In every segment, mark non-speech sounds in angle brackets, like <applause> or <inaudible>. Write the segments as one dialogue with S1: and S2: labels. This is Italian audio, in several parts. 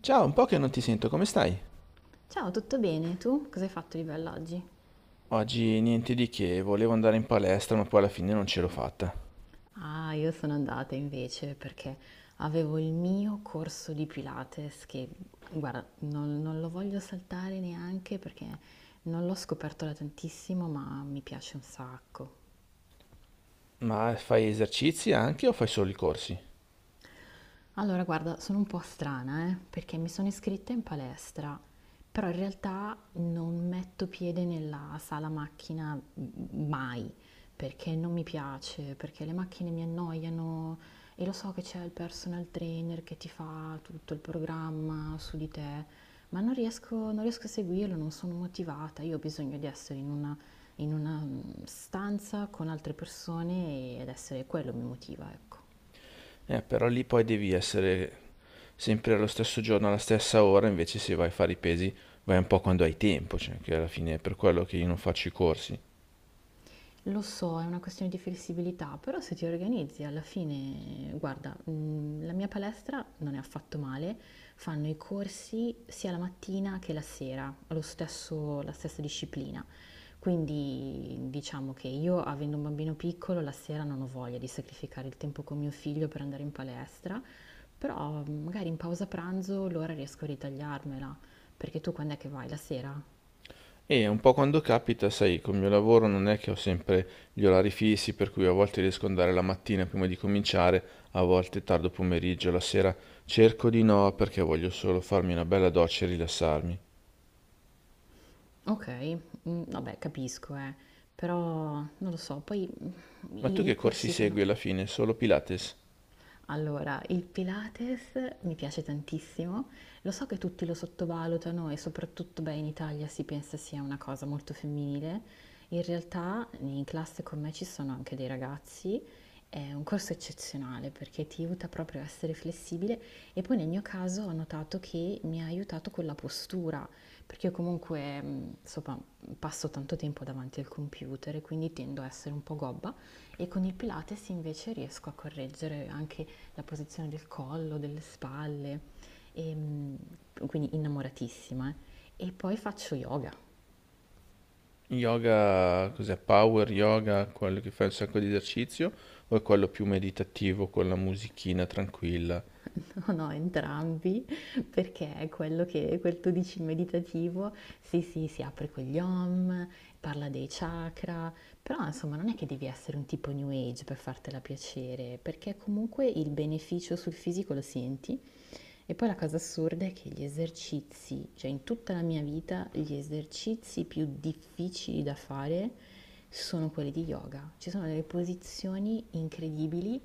S1: Ciao, un po' che non ti sento, come stai?
S2: Ciao, tutto bene? Tu cosa hai fatto di bello oggi?
S1: Oggi niente di che, volevo andare in palestra, ma poi alla fine non ce l'ho fatta.
S2: Ah, io sono andata invece perché avevo il mio corso di Pilates che, guarda, non lo voglio saltare neanche perché non l'ho scoperto da tantissimo, ma mi piace un sacco.
S1: Ma fai esercizi anche o fai solo i corsi?
S2: Allora, guarda, sono un po' strana, perché mi sono iscritta in palestra, però in realtà non metto piede nella sala macchina mai, perché non mi piace, perché le macchine mi annoiano e lo so che c'è il personal trainer che ti fa tutto il programma su di te, ma non riesco a seguirlo, non sono motivata, io ho bisogno di essere in una stanza con altre persone ed essere quello mi motiva, ecco.
S1: Però lì poi devi essere sempre allo stesso giorno, alla stessa ora, invece se vai a fare i pesi vai un po' quando hai tempo, cioè che alla fine è per quello che io non faccio i corsi.
S2: Lo so, è una questione di flessibilità, però se ti organizzi alla fine, guarda, la mia palestra non è affatto male, fanno i corsi sia la mattina che la sera, la stessa disciplina. Quindi diciamo che io, avendo un bambino piccolo, la sera non ho voglia di sacrificare il tempo con mio figlio per andare in palestra, però magari in pausa pranzo l'ora riesco a ritagliarmela, perché tu quando è che vai? La sera?
S1: E un po' quando capita, sai, col mio lavoro non è che ho sempre gli orari fissi, per cui a volte riesco ad andare la mattina prima di cominciare, a volte tardo pomeriggio, la sera cerco di no perché voglio solo farmi una bella doccia e rilassarmi.
S2: Okay, mhmm, vabbè capisco però non lo so, poi,
S1: Ma tu
S2: i
S1: che corsi
S2: corsi sono
S1: segui alla fine? Solo Pilates?
S2: allora, il Pilates mi piace tantissimo, lo so che tutti lo sottovalutano e soprattutto, beh, in Italia si pensa sia una cosa molto femminile. In realtà in classe con me ci sono anche dei ragazzi, è un corso eccezionale perché ti aiuta proprio a essere flessibile e poi nel mio caso ho notato che mi ha aiutato con la postura, perché io comunque, insomma, passo tanto tempo davanti al computer e quindi tendo a essere un po' gobba e con il Pilates invece riesco a correggere anche la posizione del collo, delle spalle, e, quindi innamoratissima, eh. E poi faccio yoga,
S1: Yoga, cos'è? Power yoga, quello che fa un sacco di esercizio? O è quello più meditativo con la musichina tranquilla?
S2: <laughs> no, no, entrambi, perché è quello che, quel tu dici meditativo, sì, sì, si apre con gli om, parla dei chakra, però insomma non è che devi essere un tipo new age per fartela piacere, perché comunque il beneficio sul fisico lo senti. E poi la cosa assurda è che gli esercizi, cioè in tutta la mia vita, gli esercizi più difficili da fare sono quelli di yoga. Ci sono delle posizioni incredibili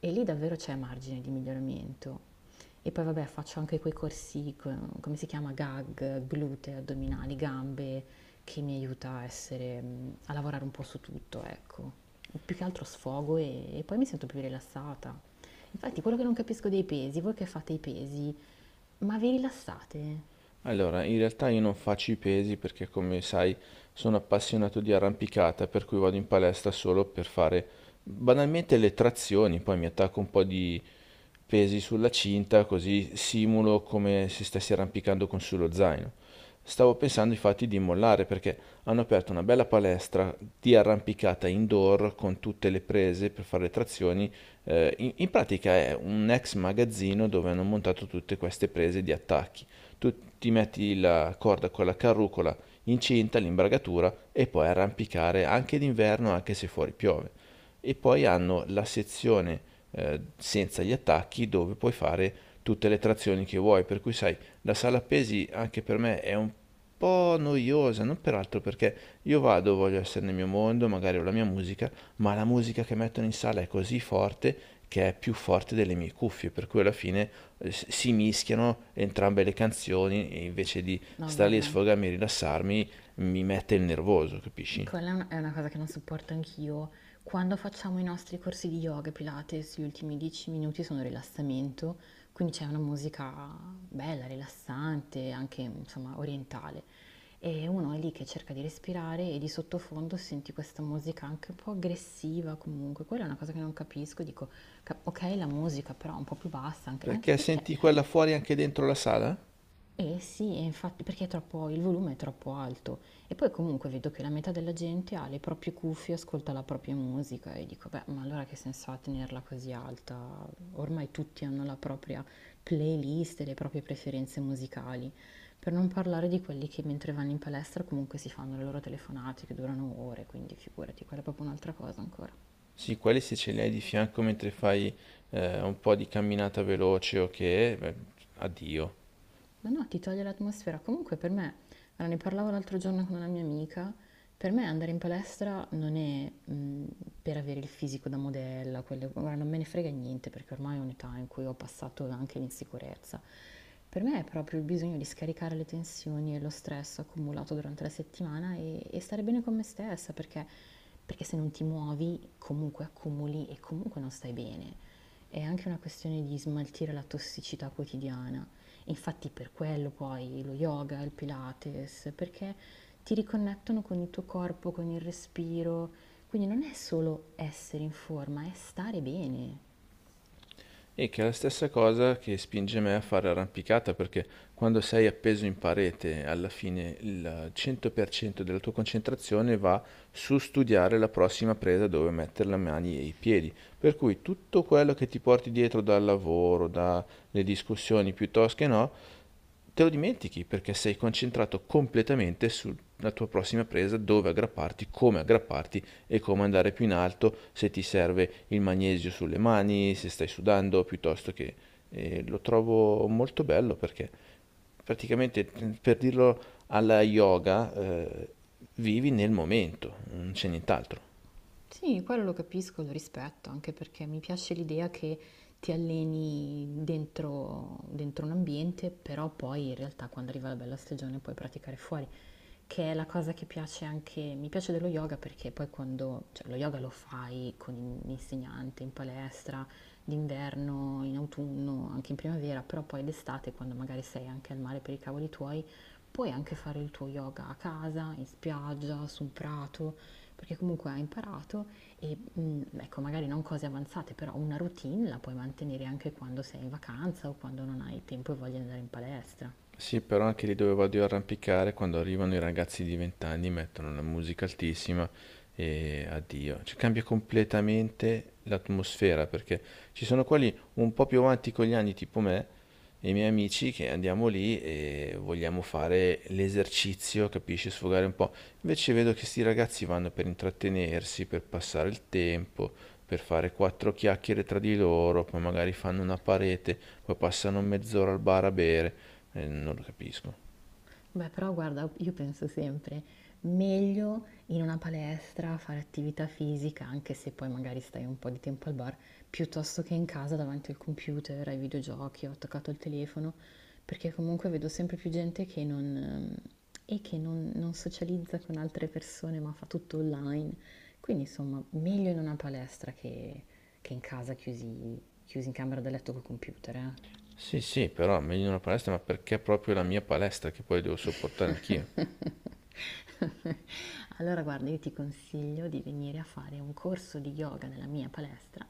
S2: e lì davvero c'è margine di miglioramento. E poi vabbè faccio anche quei corsi, come si chiama, gag, glute, addominali, gambe, che mi aiuta a essere, a lavorare un po' su tutto, ecco. Più che altro sfogo e poi mi sento più rilassata. Infatti, quello che non capisco dei pesi, voi che fate i pesi, ma vi rilassate?
S1: Allora, in realtà io non faccio i pesi perché, come sai, sono appassionato di arrampicata, per cui vado in palestra solo per fare banalmente le trazioni, poi mi attacco un po' di pesi sulla cinta, così simulo come se stessi arrampicando con sullo zaino. Stavo pensando infatti di mollare perché hanno aperto una bella palestra di arrampicata indoor con tutte le prese per fare le trazioni. In pratica è un ex magazzino dove hanno montato tutte queste prese di attacchi. Tu ti metti la corda con la carrucola incinta, l'imbragatura e puoi arrampicare anche d'inverno anche se fuori piove. E poi hanno la sezione senza gli attacchi dove puoi fare tutte le trazioni che vuoi, per cui sai, la sala pesi anche per me è un po' noiosa, non peraltro perché io vado, voglio essere nel mio mondo, magari ho la mia musica, ma la musica che mettono in sala è così forte che è più forte delle mie cuffie, per cui alla fine si mischiano entrambe le canzoni e invece di
S2: No,
S1: stare lì a
S2: guarda,
S1: sfogarmi e rilassarmi mi mette il nervoso, capisci?
S2: è una cosa che non sopporto anch'io. Quando facciamo i nostri corsi di yoga e Pilates, gli ultimi 10 minuti sono rilassamento, quindi c'è una musica bella, rilassante, anche insomma orientale. E uno è lì che cerca di respirare e di sottofondo senti questa musica anche un po' aggressiva comunque. Quella è una cosa che non capisco, dico, ok la musica però un po' più bassa, anche, anche
S1: Perché
S2: perché
S1: senti quella fuori anche dentro la sala?
S2: eh sì, e infatti perché è troppo, il volume è troppo alto e poi comunque vedo che la metà della gente ha le proprie cuffie, ascolta la propria musica e dico, beh, ma allora che senso ha tenerla così alta? Ormai tutti hanno la propria playlist e le proprie preferenze musicali, per non parlare di quelli che mentre vanno in palestra comunque si fanno le loro telefonate che durano ore, quindi figurati, quella è proprio un'altra cosa ancora.
S1: Sì, quelli se ce li hai di fianco mentre fai un po' di camminata veloce o okay, che, beh, addio.
S2: Ma no, ti toglie l'atmosfera. Comunque per me, allora, ne parlavo l'altro giorno con una mia amica, per me andare in palestra non è per avere il fisico da modella, guarda, non me ne frega niente perché ormai è un'età in cui ho passato anche l'insicurezza. Per me è proprio il bisogno di scaricare le tensioni e lo stress accumulato durante la settimana e stare bene con me stessa perché se non ti muovi comunque accumuli e comunque non stai bene. È anche una questione di smaltire la tossicità quotidiana. Infatti per quello poi lo yoga, il Pilates, perché ti riconnettono con il tuo corpo, con il respiro. Quindi non è solo essere in forma, è stare bene.
S1: E che è la stessa cosa che spinge me a fare arrampicata, perché quando sei appeso in parete, alla fine il 100% della tua concentrazione va su studiare la prossima presa dove mettere le mani e i piedi. Per cui tutto quello che ti porti dietro dal lavoro, dalle discussioni piuttosto che no, te lo dimentichi perché sei concentrato completamente sulla tua prossima presa, dove aggrapparti, come aggrapparti e come andare più in alto, se ti serve il magnesio sulle mani, se stai sudando, piuttosto che... e lo trovo molto bello perché praticamente, per dirlo alla yoga, vivi nel momento, non c'è nient'altro.
S2: Sì, quello lo capisco, lo rispetto, anche perché mi piace l'idea che ti alleni dentro un ambiente, però poi in realtà quando arriva la bella stagione puoi praticare fuori, che è la cosa che piace anche, mi piace dello yoga perché poi quando, cioè lo yoga lo fai con un insegnante in palestra, d'inverno, in autunno, anche in primavera, però poi d'estate quando magari sei anche al mare per i cavoli tuoi, puoi anche fare il tuo yoga a casa, in spiaggia, su un prato, perché comunque hai imparato e ecco, magari non cose avanzate, però una routine la puoi mantenere anche quando sei in vacanza o quando non hai tempo e voglia di andare in palestra.
S1: Sì, però anche lì dove vado io a arrampicare, quando arrivano i ragazzi di 20 anni mettono una musica altissima e addio. Cioè cambia completamente l'atmosfera perché ci sono quelli un po' più avanti con gli anni, tipo me e i miei amici, che andiamo lì e vogliamo fare l'esercizio, capisci, sfogare un po'. Invece vedo che sti ragazzi vanno per intrattenersi, per passare il tempo, per fare quattro chiacchiere tra di loro, poi magari fanno una parete, poi passano mezz'ora al bar a bere, non lo capisco.
S2: Beh, però guarda, io penso sempre, meglio in una palestra fare attività fisica, anche se poi magari stai un po' di tempo al bar, piuttosto che in casa davanti al computer, ai videogiochi, ho attaccato il telefono, perché comunque vedo sempre più gente che non, e che non socializza con altre persone, ma fa tutto online. Quindi insomma, meglio in una palestra che in casa chiusi, chiusi in camera da letto col computer,
S1: Sì, sì, però meglio in una palestra, ma perché proprio la mia palestra che poi devo sopportare anch'io?
S2: eh. <laughs> <laughs> Allora guarda, io ti consiglio di venire a fare un corso di yoga nella mia palestra,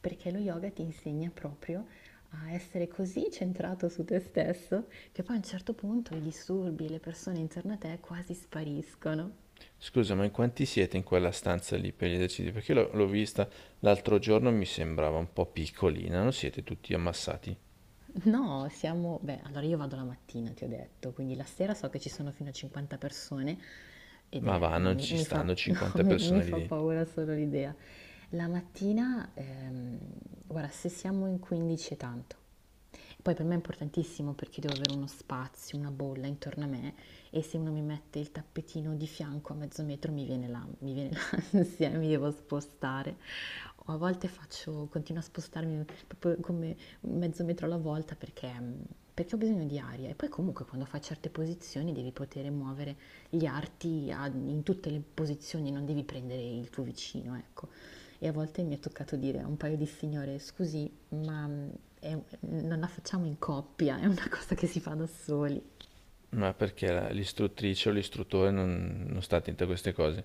S2: perché lo yoga ti insegna proprio a essere così centrato su te stesso che poi a un certo punto i disturbi e le persone intorno a te quasi spariscono.
S1: Scusa, ma in quanti siete in quella stanza lì per gli esercizi? Perché l'ho vista l'altro giorno e mi sembrava un po' piccolina, non siete tutti ammassati?
S2: No, siamo... Beh, allora io vado la mattina, ti ho detto, quindi la sera so che ci sono fino a 50 persone ed
S1: Ma
S2: è...
S1: va,
S2: No,
S1: non ci
S2: mi fa,
S1: stanno
S2: <laughs> no,
S1: 50 persone
S2: mi
S1: lì
S2: fa
S1: dentro.
S2: paura solo l'idea. La mattina, guarda, se siamo in 15 è tanto. Poi per me è importantissimo perché devo avere uno spazio, una bolla intorno a me e se uno mi mette il tappetino di fianco a mezzo metro mi viene <laughs> l'ansia, mi devo spostare. O a volte faccio, continuo a spostarmi proprio come mezzo metro alla volta perché ho bisogno di aria. E poi comunque quando fai certe posizioni devi poter muovere gli arti in tutte le posizioni, non devi prendere il tuo vicino, ecco. E a volte mi è toccato dire a un paio di signore, scusi, ma non la facciamo in coppia, è una cosa che si fa da soli.
S1: Ma perché l'istruttrice o l'istruttore non sta attento a queste cose?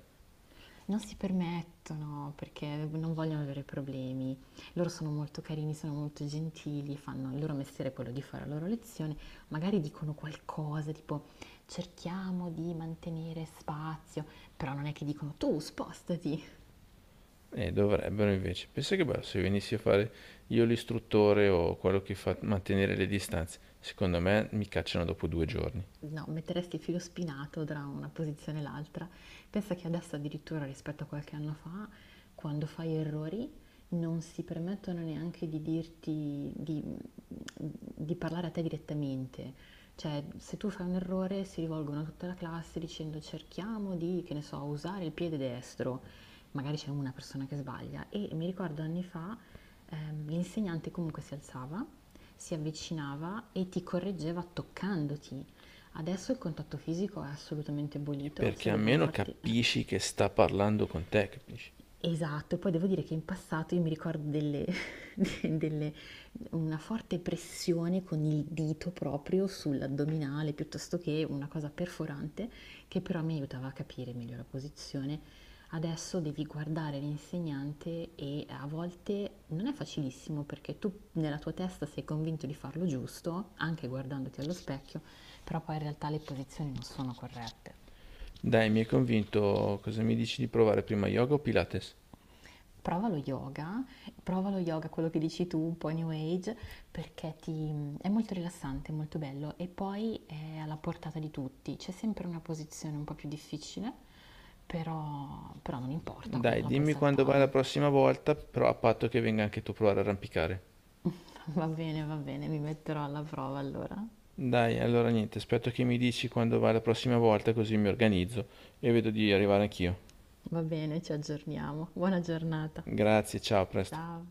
S2: Non si permettono perché non vogliono avere problemi. Loro sono molto carini, sono molto gentili, fanno il loro mestiere è quello di fare la loro lezione, magari dicono qualcosa tipo cerchiamo di mantenere spazio, però non è che dicono tu spostati.
S1: E dovrebbero invece. Pensa che bello se venissi a fare io l'istruttore o quello che fa mantenere le distanze. Secondo me mi cacciano dopo 2 giorni.
S2: No, metteresti il filo spinato tra una posizione e l'altra. Pensa che adesso addirittura rispetto a qualche anno fa, quando fai errori, non si permettono neanche di dirti, di parlare a te direttamente. Cioè, se tu fai un errore, si rivolgono a tutta la classe dicendo cerchiamo di, che ne so, usare il piede destro. Magari c'è una persona che sbaglia. E mi ricordo anni fa, l'insegnante comunque si alzava, si avvicinava e ti correggeva toccandoti. Adesso il contatto fisico è assolutamente abolito,
S1: Perché
S2: se devono
S1: almeno
S2: farti....
S1: capisci che sta parlando con te, capisci?
S2: Esatto, e poi devo dire che in passato io mi ricordo <laughs> de- delle- una forte pressione con il dito proprio sull'addominale, piuttosto che una cosa perforante, che però mi aiutava a capire meglio la posizione. Adesso devi guardare l'insegnante e a volte non è facilissimo perché tu nella tua testa sei convinto di farlo giusto, anche guardandoti allo specchio, però poi in realtà le posizioni non sono corrette.
S1: Dai, mi hai convinto. Cosa mi dici di provare prima yoga o Pilates?
S2: Prova lo yoga, prova lo yoga, quello che dici tu, un po' New Age, perché ti- è molto rilassante, è molto bello e poi è alla portata di tutti. C'è sempre una posizione un po' più difficile, però, però non importa, quella
S1: Dai,
S2: la puoi
S1: dimmi quando vai la
S2: saltare.
S1: prossima volta, però a patto che venga anche tu a provare a arrampicare.
S2: <laughs> Va bene, mi metterò alla prova allora.
S1: Dai, allora niente, aspetto che mi dici quando vai la prossima volta, così mi organizzo e vedo di arrivare anch'io.
S2: Va bene, ci aggiorniamo. Buona giornata.
S1: Grazie, ciao, a presto.
S2: Ciao.